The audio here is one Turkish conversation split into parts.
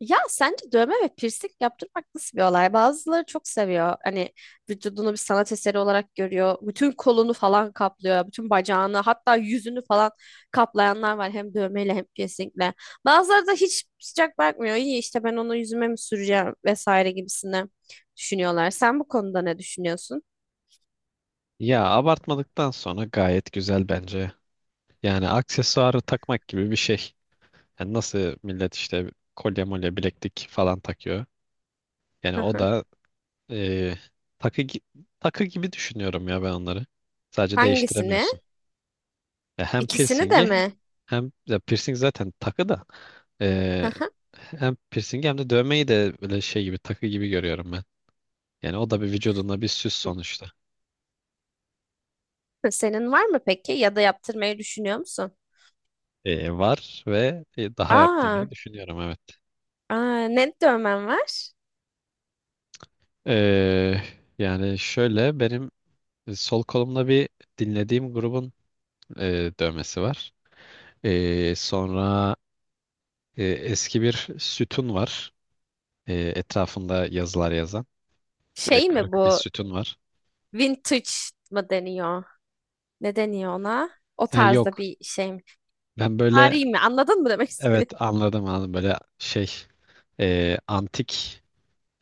Ya sence dövme ve piercing yaptırmak nasıl bir olay? Bazıları çok seviyor. Hani vücudunu bir sanat eseri olarak görüyor. Bütün kolunu falan kaplıyor. Bütün bacağını hatta yüzünü falan kaplayanlar var. Hem dövmeyle hem piercingle. Bazıları da hiç sıcak bakmıyor. İyi işte ben onu yüzüme mi süreceğim vesaire gibisine düşünüyorlar. Sen bu konuda ne düşünüyorsun? Ya abartmadıktan sonra gayet güzel bence. Yani aksesuarı takmak gibi bir şey. Yani nasıl millet işte kolye molye bileklik falan takıyor. Yani Hı o hı. da e, takı gi- takı gibi düşünüyorum ya ben onları. Sadece Hangisini? değiştiremiyorsun. Ya hem İkisini de piercingi mi? hem ya piercing zaten takı da e, Hı hı. hem piercingi hem de dövmeyi de böyle şey gibi takı gibi görüyorum ben. Yani o da bir vücudunda bir süs sonuçta. Senin var mı peki? Ya da yaptırmayı düşünüyor musun? Var ve daha Aa, yaptırmayı düşünüyorum, evet. aa ne dövmen var? Ee, Yani şöyle benim sol kolumda bir dinlediğim grubun dövmesi var. Sonra eski bir sütun var. Etrafında yazılar yazan. Şey mi Kırık bir bu? sütun var. Vintage mı deniyor? Ne deniyor ona? O Ya tarzda yok. bir şey mi? Ben böyle Vari mi? Anladın mı demek istediğimi? evet, anladım. Böyle şey antik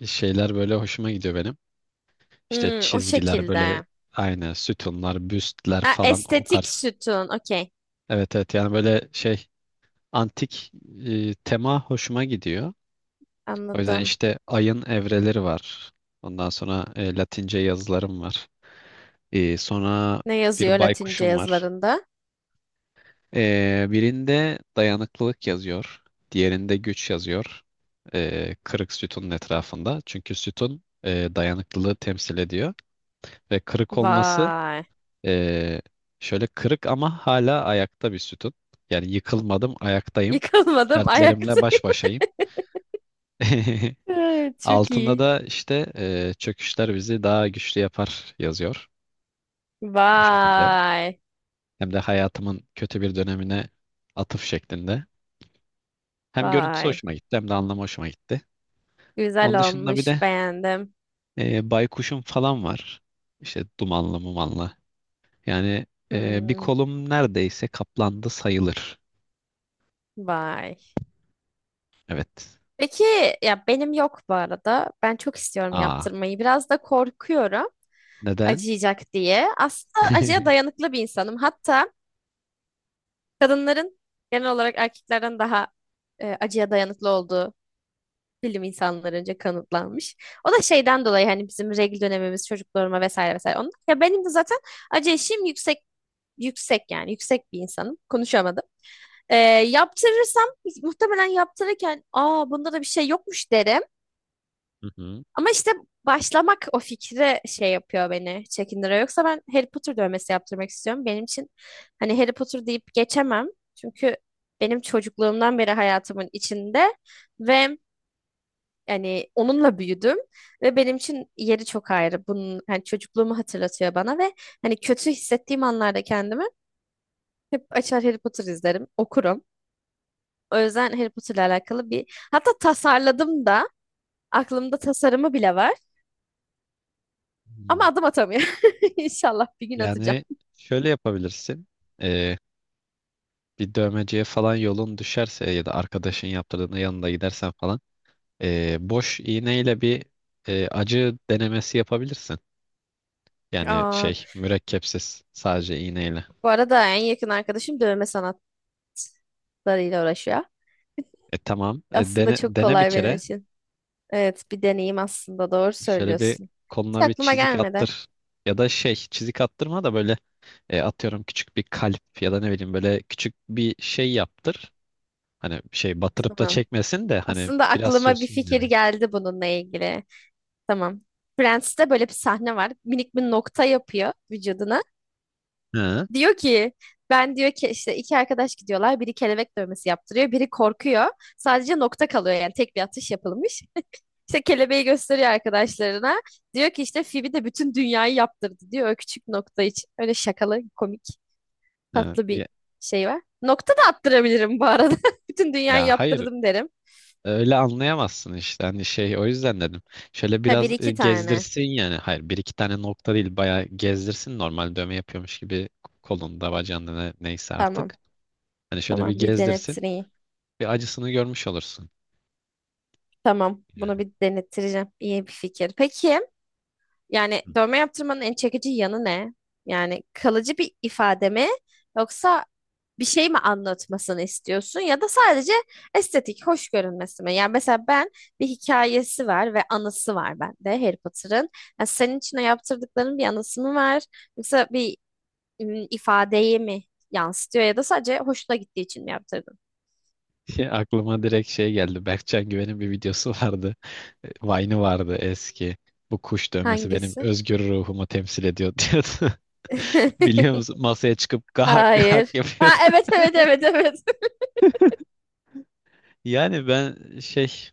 şeyler böyle hoşuma gidiyor benim. İşte Hmm, o çizgiler böyle şekilde. aynı sütunlar, büstler Ha, falan o estetik tarz. sütun. Okey. Evet, evet, yani böyle şey antik tema hoşuma gidiyor. O yüzden Anladım. işte ayın evreleri var. Ondan sonra Latince yazılarım var. Sonra Ne yazıyor bir Latince baykuşum var. yazılarında? Birinde dayanıklılık yazıyor. Diğerinde güç yazıyor. Kırık sütunun etrafında. Çünkü sütun dayanıklılığı temsil ediyor. Ve kırık olması Vay. e, şöyle kırık ama hala ayakta bir sütun. Yani yıkılmadım, ayaktayım. Yıkılmadım Dertlerimle ayaktayım. baş başayım. Evet, çok Altında iyi. da işte çöküşler bizi daha güçlü yapar yazıyor, o şekilde. Vay. Hem de hayatımın kötü bir dönemine atıf şeklinde. Hem görüntüsü Vay. hoşuma gitti hem de anlamı hoşuma gitti. Güzel Onun dışında bir olmuş. de Beğendim. Baykuşum falan var. İşte dumanlı mumanlı. Yani bir Hmm, kolum neredeyse kaplandı sayılır. vay. Evet. Peki ya benim yok bu arada. Ben çok istiyorum Aa, yaptırmayı. Biraz da korkuyorum neden? acıyacak diye. Aslında acıya dayanıklı bir insanım. Hatta kadınların genel olarak erkeklerden daha acıya dayanıklı olduğu bilim insanlarınca kanıtlanmış. O da şeyden dolayı hani bizim regl dönemimiz, çocukluğuma vesaire vesaire. Onun, ya benim de zaten acı eşiğim yüksek yani yüksek bir insanım. Konuşamadım. Yaptırırsam muhtemelen yaptırırken aa bunda da bir şey yokmuş derim. Hı hı. Ama işte başlamak o fikre şey yapıyor beni çekindiriyor. Yoksa ben Harry Potter dövmesi yaptırmak istiyorum. Benim için hani Harry Potter deyip geçemem. Çünkü benim çocukluğumdan beri hayatımın içinde ve yani onunla büyüdüm ve benim için yeri çok ayrı. Bunun hani çocukluğumu hatırlatıyor bana ve hani kötü hissettiğim anlarda kendimi hep açar Harry Potter izlerim, okurum. O yüzden Harry Potter'la alakalı bir hatta tasarladım da aklımda tasarımı bile var. Ama Hmm. adım atamıyor. İnşallah bir gün atacağım. Yani şöyle yapabilirsin. E, Bir dövmeciye falan yolun düşerse ya da arkadaşın yaptırdığında yanında gidersen falan boş iğneyle bir acı denemesi yapabilirsin. Yani Aa, şey mürekkepsiz sadece iğneyle. bu arada en yakın arkadaşım dövme sanatlarıyla uğraşıyor. E tamam, Aslında dene, çok dene bir kolay benim kere için. Evet, bir deneyim aslında. Doğru şöyle bir söylüyorsun. Hiç koluna bir aklıma çizik gelmedi. attır. Ya da şey çizik attırma da böyle atıyorum küçük bir kalp ya da ne bileyim böyle küçük bir şey yaptır. Hani şey batırıp da Tamam. çekmesin de hani Aslında biraz aklıma bir sürsün fikir yani. geldi bununla ilgili. Tamam. Friends'te böyle bir sahne var. Minik bir nokta yapıyor vücuduna. Hı. Diyor ki ben diyor ki işte iki arkadaş gidiyorlar. Biri kelebek dövmesi yaptırıyor. Biri korkuyor. Sadece nokta kalıyor yani tek bir atış yapılmış. İşte kelebeği gösteriyor arkadaşlarına. Diyor ki işte Phoebe de bütün dünyayı yaptırdı diyor o küçük nokta için. Öyle şakalı, komik, Hı. tatlı bir Ya, şey var. Nokta da attırabilirim bu arada. Bütün dünyayı ya hayır yaptırdım derim. öyle anlayamazsın işte hani şey, o yüzden dedim. Şöyle Ha bir biraz iki tane. gezdirsin yani. Hayır, bir iki tane nokta değil, bayağı gezdirsin normal dövme yapıyormuş gibi kolunda bacağında neyse Tamam. artık. Hani şöyle bir Tamam bir gezdirsin, denettireyim. bir acısını görmüş olursun. Tamam bunu bir denettireceğim. İyi bir fikir. Peki yani dövme yaptırmanın en çekici yanı ne? Yani kalıcı bir ifade mi? Yoksa bir şey mi anlatmasını istiyorsun ya da sadece estetik, hoş görünmesi mi? Yani mesela ben bir hikayesi var ve anısı var bende Harry Potter'ın. Yani senin için o yaptırdıkların bir anısı mı var? Yoksa bir ifadeyi mi yansıtıyor ya da sadece hoşuna gittiği için mi yaptırdın? Aklıma direkt şey geldi. Berkcan Güven'in bir videosu vardı. Vine'ı vardı eski. Bu kuş dövmesi benim Hangisi? özgür ruhumu temsil ediyor diyordu. Biliyor musun? Masaya çıkıp gahak gahak Hayır. Ha yapıyordu. evet evet evet evet. Yani ben şey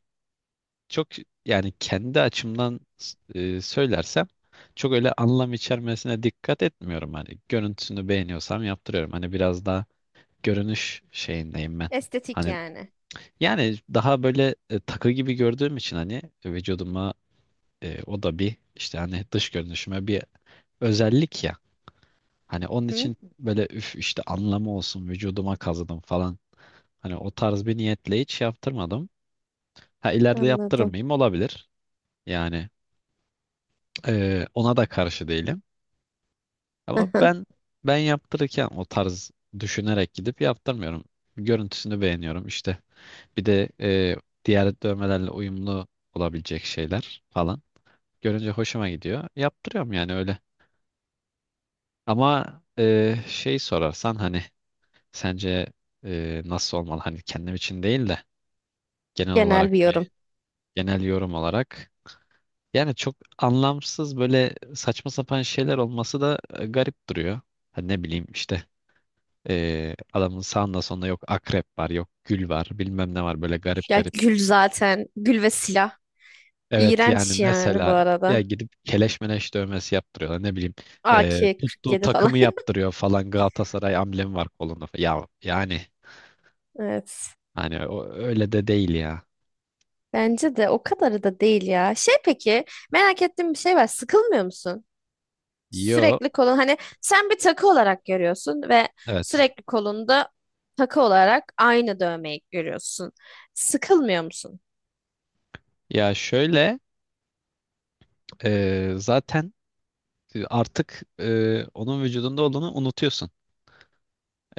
çok yani kendi açımdan söylersem çok öyle anlam içermesine dikkat etmiyorum, hani görüntüsünü beğeniyorsam yaptırıyorum, hani biraz daha görünüş şeyindeyim ben, Estetik hani yani. yani daha böyle takı gibi gördüğüm için hani vücuduma, o da bir işte hani dış görünüşüme bir özellik ya, hani onun Hı? için böyle üf işte anlamı olsun vücuduma kazıdım falan, hani o tarz bir niyetle hiç yaptırmadım. Ha, ileride yaptırır Anladım. mıyım, olabilir yani. Ona da karşı değilim. Ama ben ben yaptırırken o tarz düşünerek gidip yaptırmıyorum. Görüntüsünü beğeniyorum işte. Bir de diğer dövmelerle uyumlu olabilecek şeyler falan. Görünce hoşuma gidiyor. Yaptırıyorum yani öyle. Ama şey sorarsan hani sence nasıl olmalı? Hani kendim için değil de genel Genel bir olarak yorum. bir genel yorum olarak. Yani çok anlamsız böyle saçma sapan şeyler olması da garip duruyor. Hani ne bileyim işte adamın sağında sonunda yok akrep var, yok gül var, bilmem ne var, böyle garip Ya garip. gül zaten. Gül ve silah. Evet, yani İğrenç yani bu mesela ya arada. gidip keleş meleş dövmesi yaptırıyorlar, ne bileyim tuttuğu AK-47 falan. takımı yaptırıyor falan, Galatasaray amblemi var kolunda falan. Ya yani Evet. hani o, öyle de değil ya. Bence de o kadarı da değil ya. Şey peki merak ettiğim bir şey var. Sıkılmıyor musun? Yo, Sürekli kolun hani sen bir takı olarak görüyorsun ve evet. sürekli kolunda takı olarak aynı dövmeyi görüyorsun. Sıkılmıyor musun? Ya şöyle zaten artık onun vücudunda olduğunu unutuyorsun.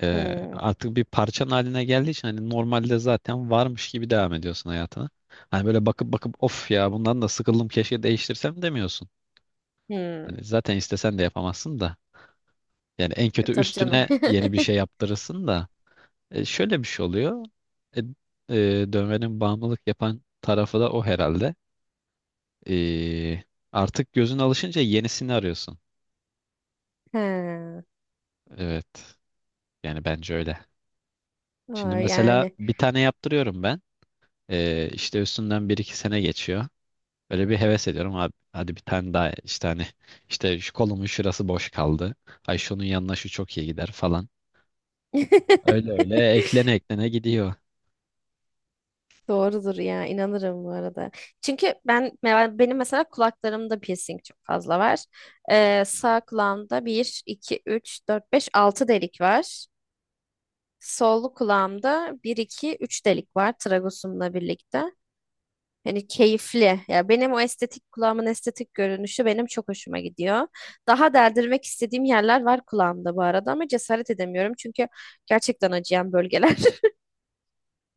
Hmm. Artık bir parçan haline geldiği için hani normalde zaten varmış gibi devam ediyorsun hayatına. Hani böyle bakıp bakıp of ya bundan da sıkıldım keşke değiştirsem demiyorsun. Hmm. Hani zaten istesen de yapamazsın da. Yani en kötü Tabii canım. üstüne yeni bir şey yaptırırsın da. Şöyle bir şey oluyor. E, Dövmenin bağımlılık yapan tarafı da o herhalde. E, Artık gözün alışınca yenisini arıyorsun. He. Evet. Yani bence öyle. Şimdi Aa, mesela yani. bir tane yaptırıyorum ben. İşte üstünden bir iki sene geçiyor. Böyle bir heves ediyorum abi. Hadi bir tane daha işte hani işte şu kolumun şurası boş kaldı. Ay şunun yanına şu çok iyi gider falan. Öyle öyle eklene eklene gidiyor. Doğrudur ya inanırım bu arada. Çünkü ben benim mesela kulaklarımda piercing çok fazla var. Sağ kulağımda bir 2 3 4 5 6 delik var. Sol kulağımda bir 2 3 delik var tragosumla birlikte. Hani keyifli. Ya benim o estetik kulağımın estetik görünüşü benim çok hoşuma gidiyor. Daha deldirmek istediğim yerler var kulağımda bu arada ama cesaret edemiyorum. Çünkü gerçekten acıyan bölgeler.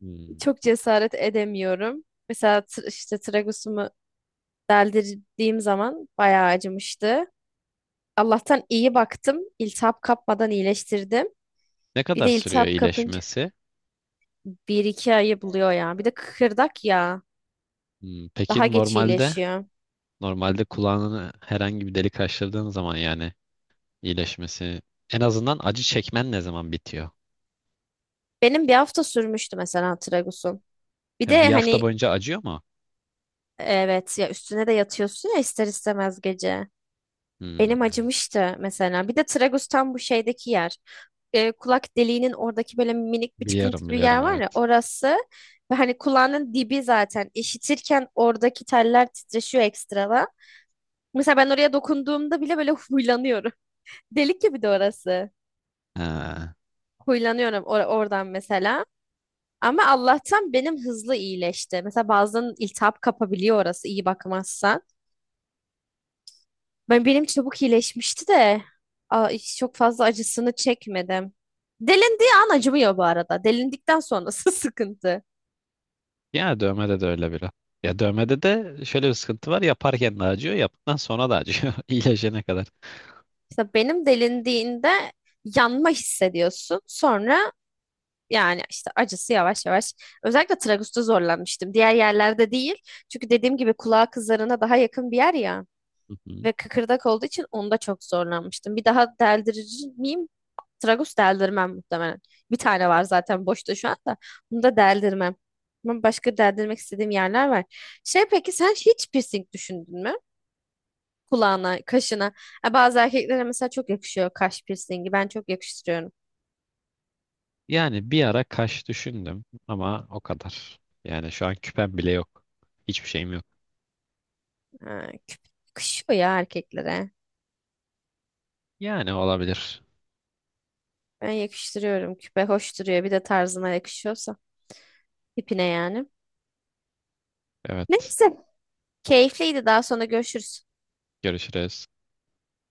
Hmm. Çok cesaret edemiyorum. Mesela işte tragosumu deldirdiğim zaman bayağı acımıştı. Allah'tan iyi baktım. İltihap kapmadan iyileştirdim. Ne Bir kadar de sürüyor iltihap kapınca iyileşmesi? bir iki ayı buluyor ya. Bir de kıkırdak ya. Hmm. Daha Peki geç normalde iyileşiyor. normalde kulağını herhangi bir delik açtırdığın zaman yani iyileşmesi en azından acı çekmen ne zaman bitiyor? Benim bir hafta sürmüştü mesela tragusun. Bir Ha, de bir hafta hani boyunca acıyor mu? evet ya üstüne de yatıyorsun ya ister istemez gece. Elim Hmm. acımıştı mesela. Bir de tragus tam bu şeydeki yer. Kulak deliğinin oradaki böyle minik bir çıkıntı Biliyorum, gibi yer biliyorum, var ya evet. orası. Ve hani kulağının dibi zaten. İşitirken oradaki teller titreşiyor ekstradan. Mesela ben oraya dokunduğumda bile böyle huylanıyorum. Delik gibi de orası. Ha. Huylanıyorum oradan mesela. Ama Allah'tan benim hızlı iyileşti. Mesela bazen iltihap kapabiliyor orası iyi bakmazsan. Benim çabuk iyileşmişti de hiç çok fazla acısını çekmedim. Delindiği an acımıyor bu arada. Delindikten sonrası sıkıntı. Yani dövmede de öyle biraz. Ya dövmede de şöyle bir sıkıntı var. Yaparken de acıyor, yaptıktan sonra da acıyor. iyileşene kadar. İşte benim delindiğinde yanma hissediyorsun. Sonra yani işte acısı yavaş yavaş. Özellikle tragusta zorlanmıştım. Diğer yerlerde değil. Çünkü dediğim gibi kulağa kızlarına daha yakın bir yer ya. Hı hı. Ve kıkırdak olduğu için onda çok zorlanmıştım. Bir daha deldirir miyim Tragus deldirmem muhtemelen. Bir tane var zaten boşta şu anda. Bunu da deldirmem. Ama başka deldirmek istediğim yerler var. Şey peki sen hiç piercing düşündün mü? Kulağına, kaşına. Ha, bazı erkeklere mesela çok yakışıyor kaş piercingi. Ben çok yakıştırıyorum. Yani bir ara kaş düşündüm ama o kadar. Yani şu an küpem bile yok. Hiçbir şeyim yok. Ha, küp yakışıyor ya erkeklere. Yani olabilir. Ben yakıştırıyorum. Küpe hoş duruyor. Bir de tarzına yakışıyorsa. Tipine yani. Evet. Neyse. Keyifliydi. Daha sonra görüşürüz. Görüşürüz.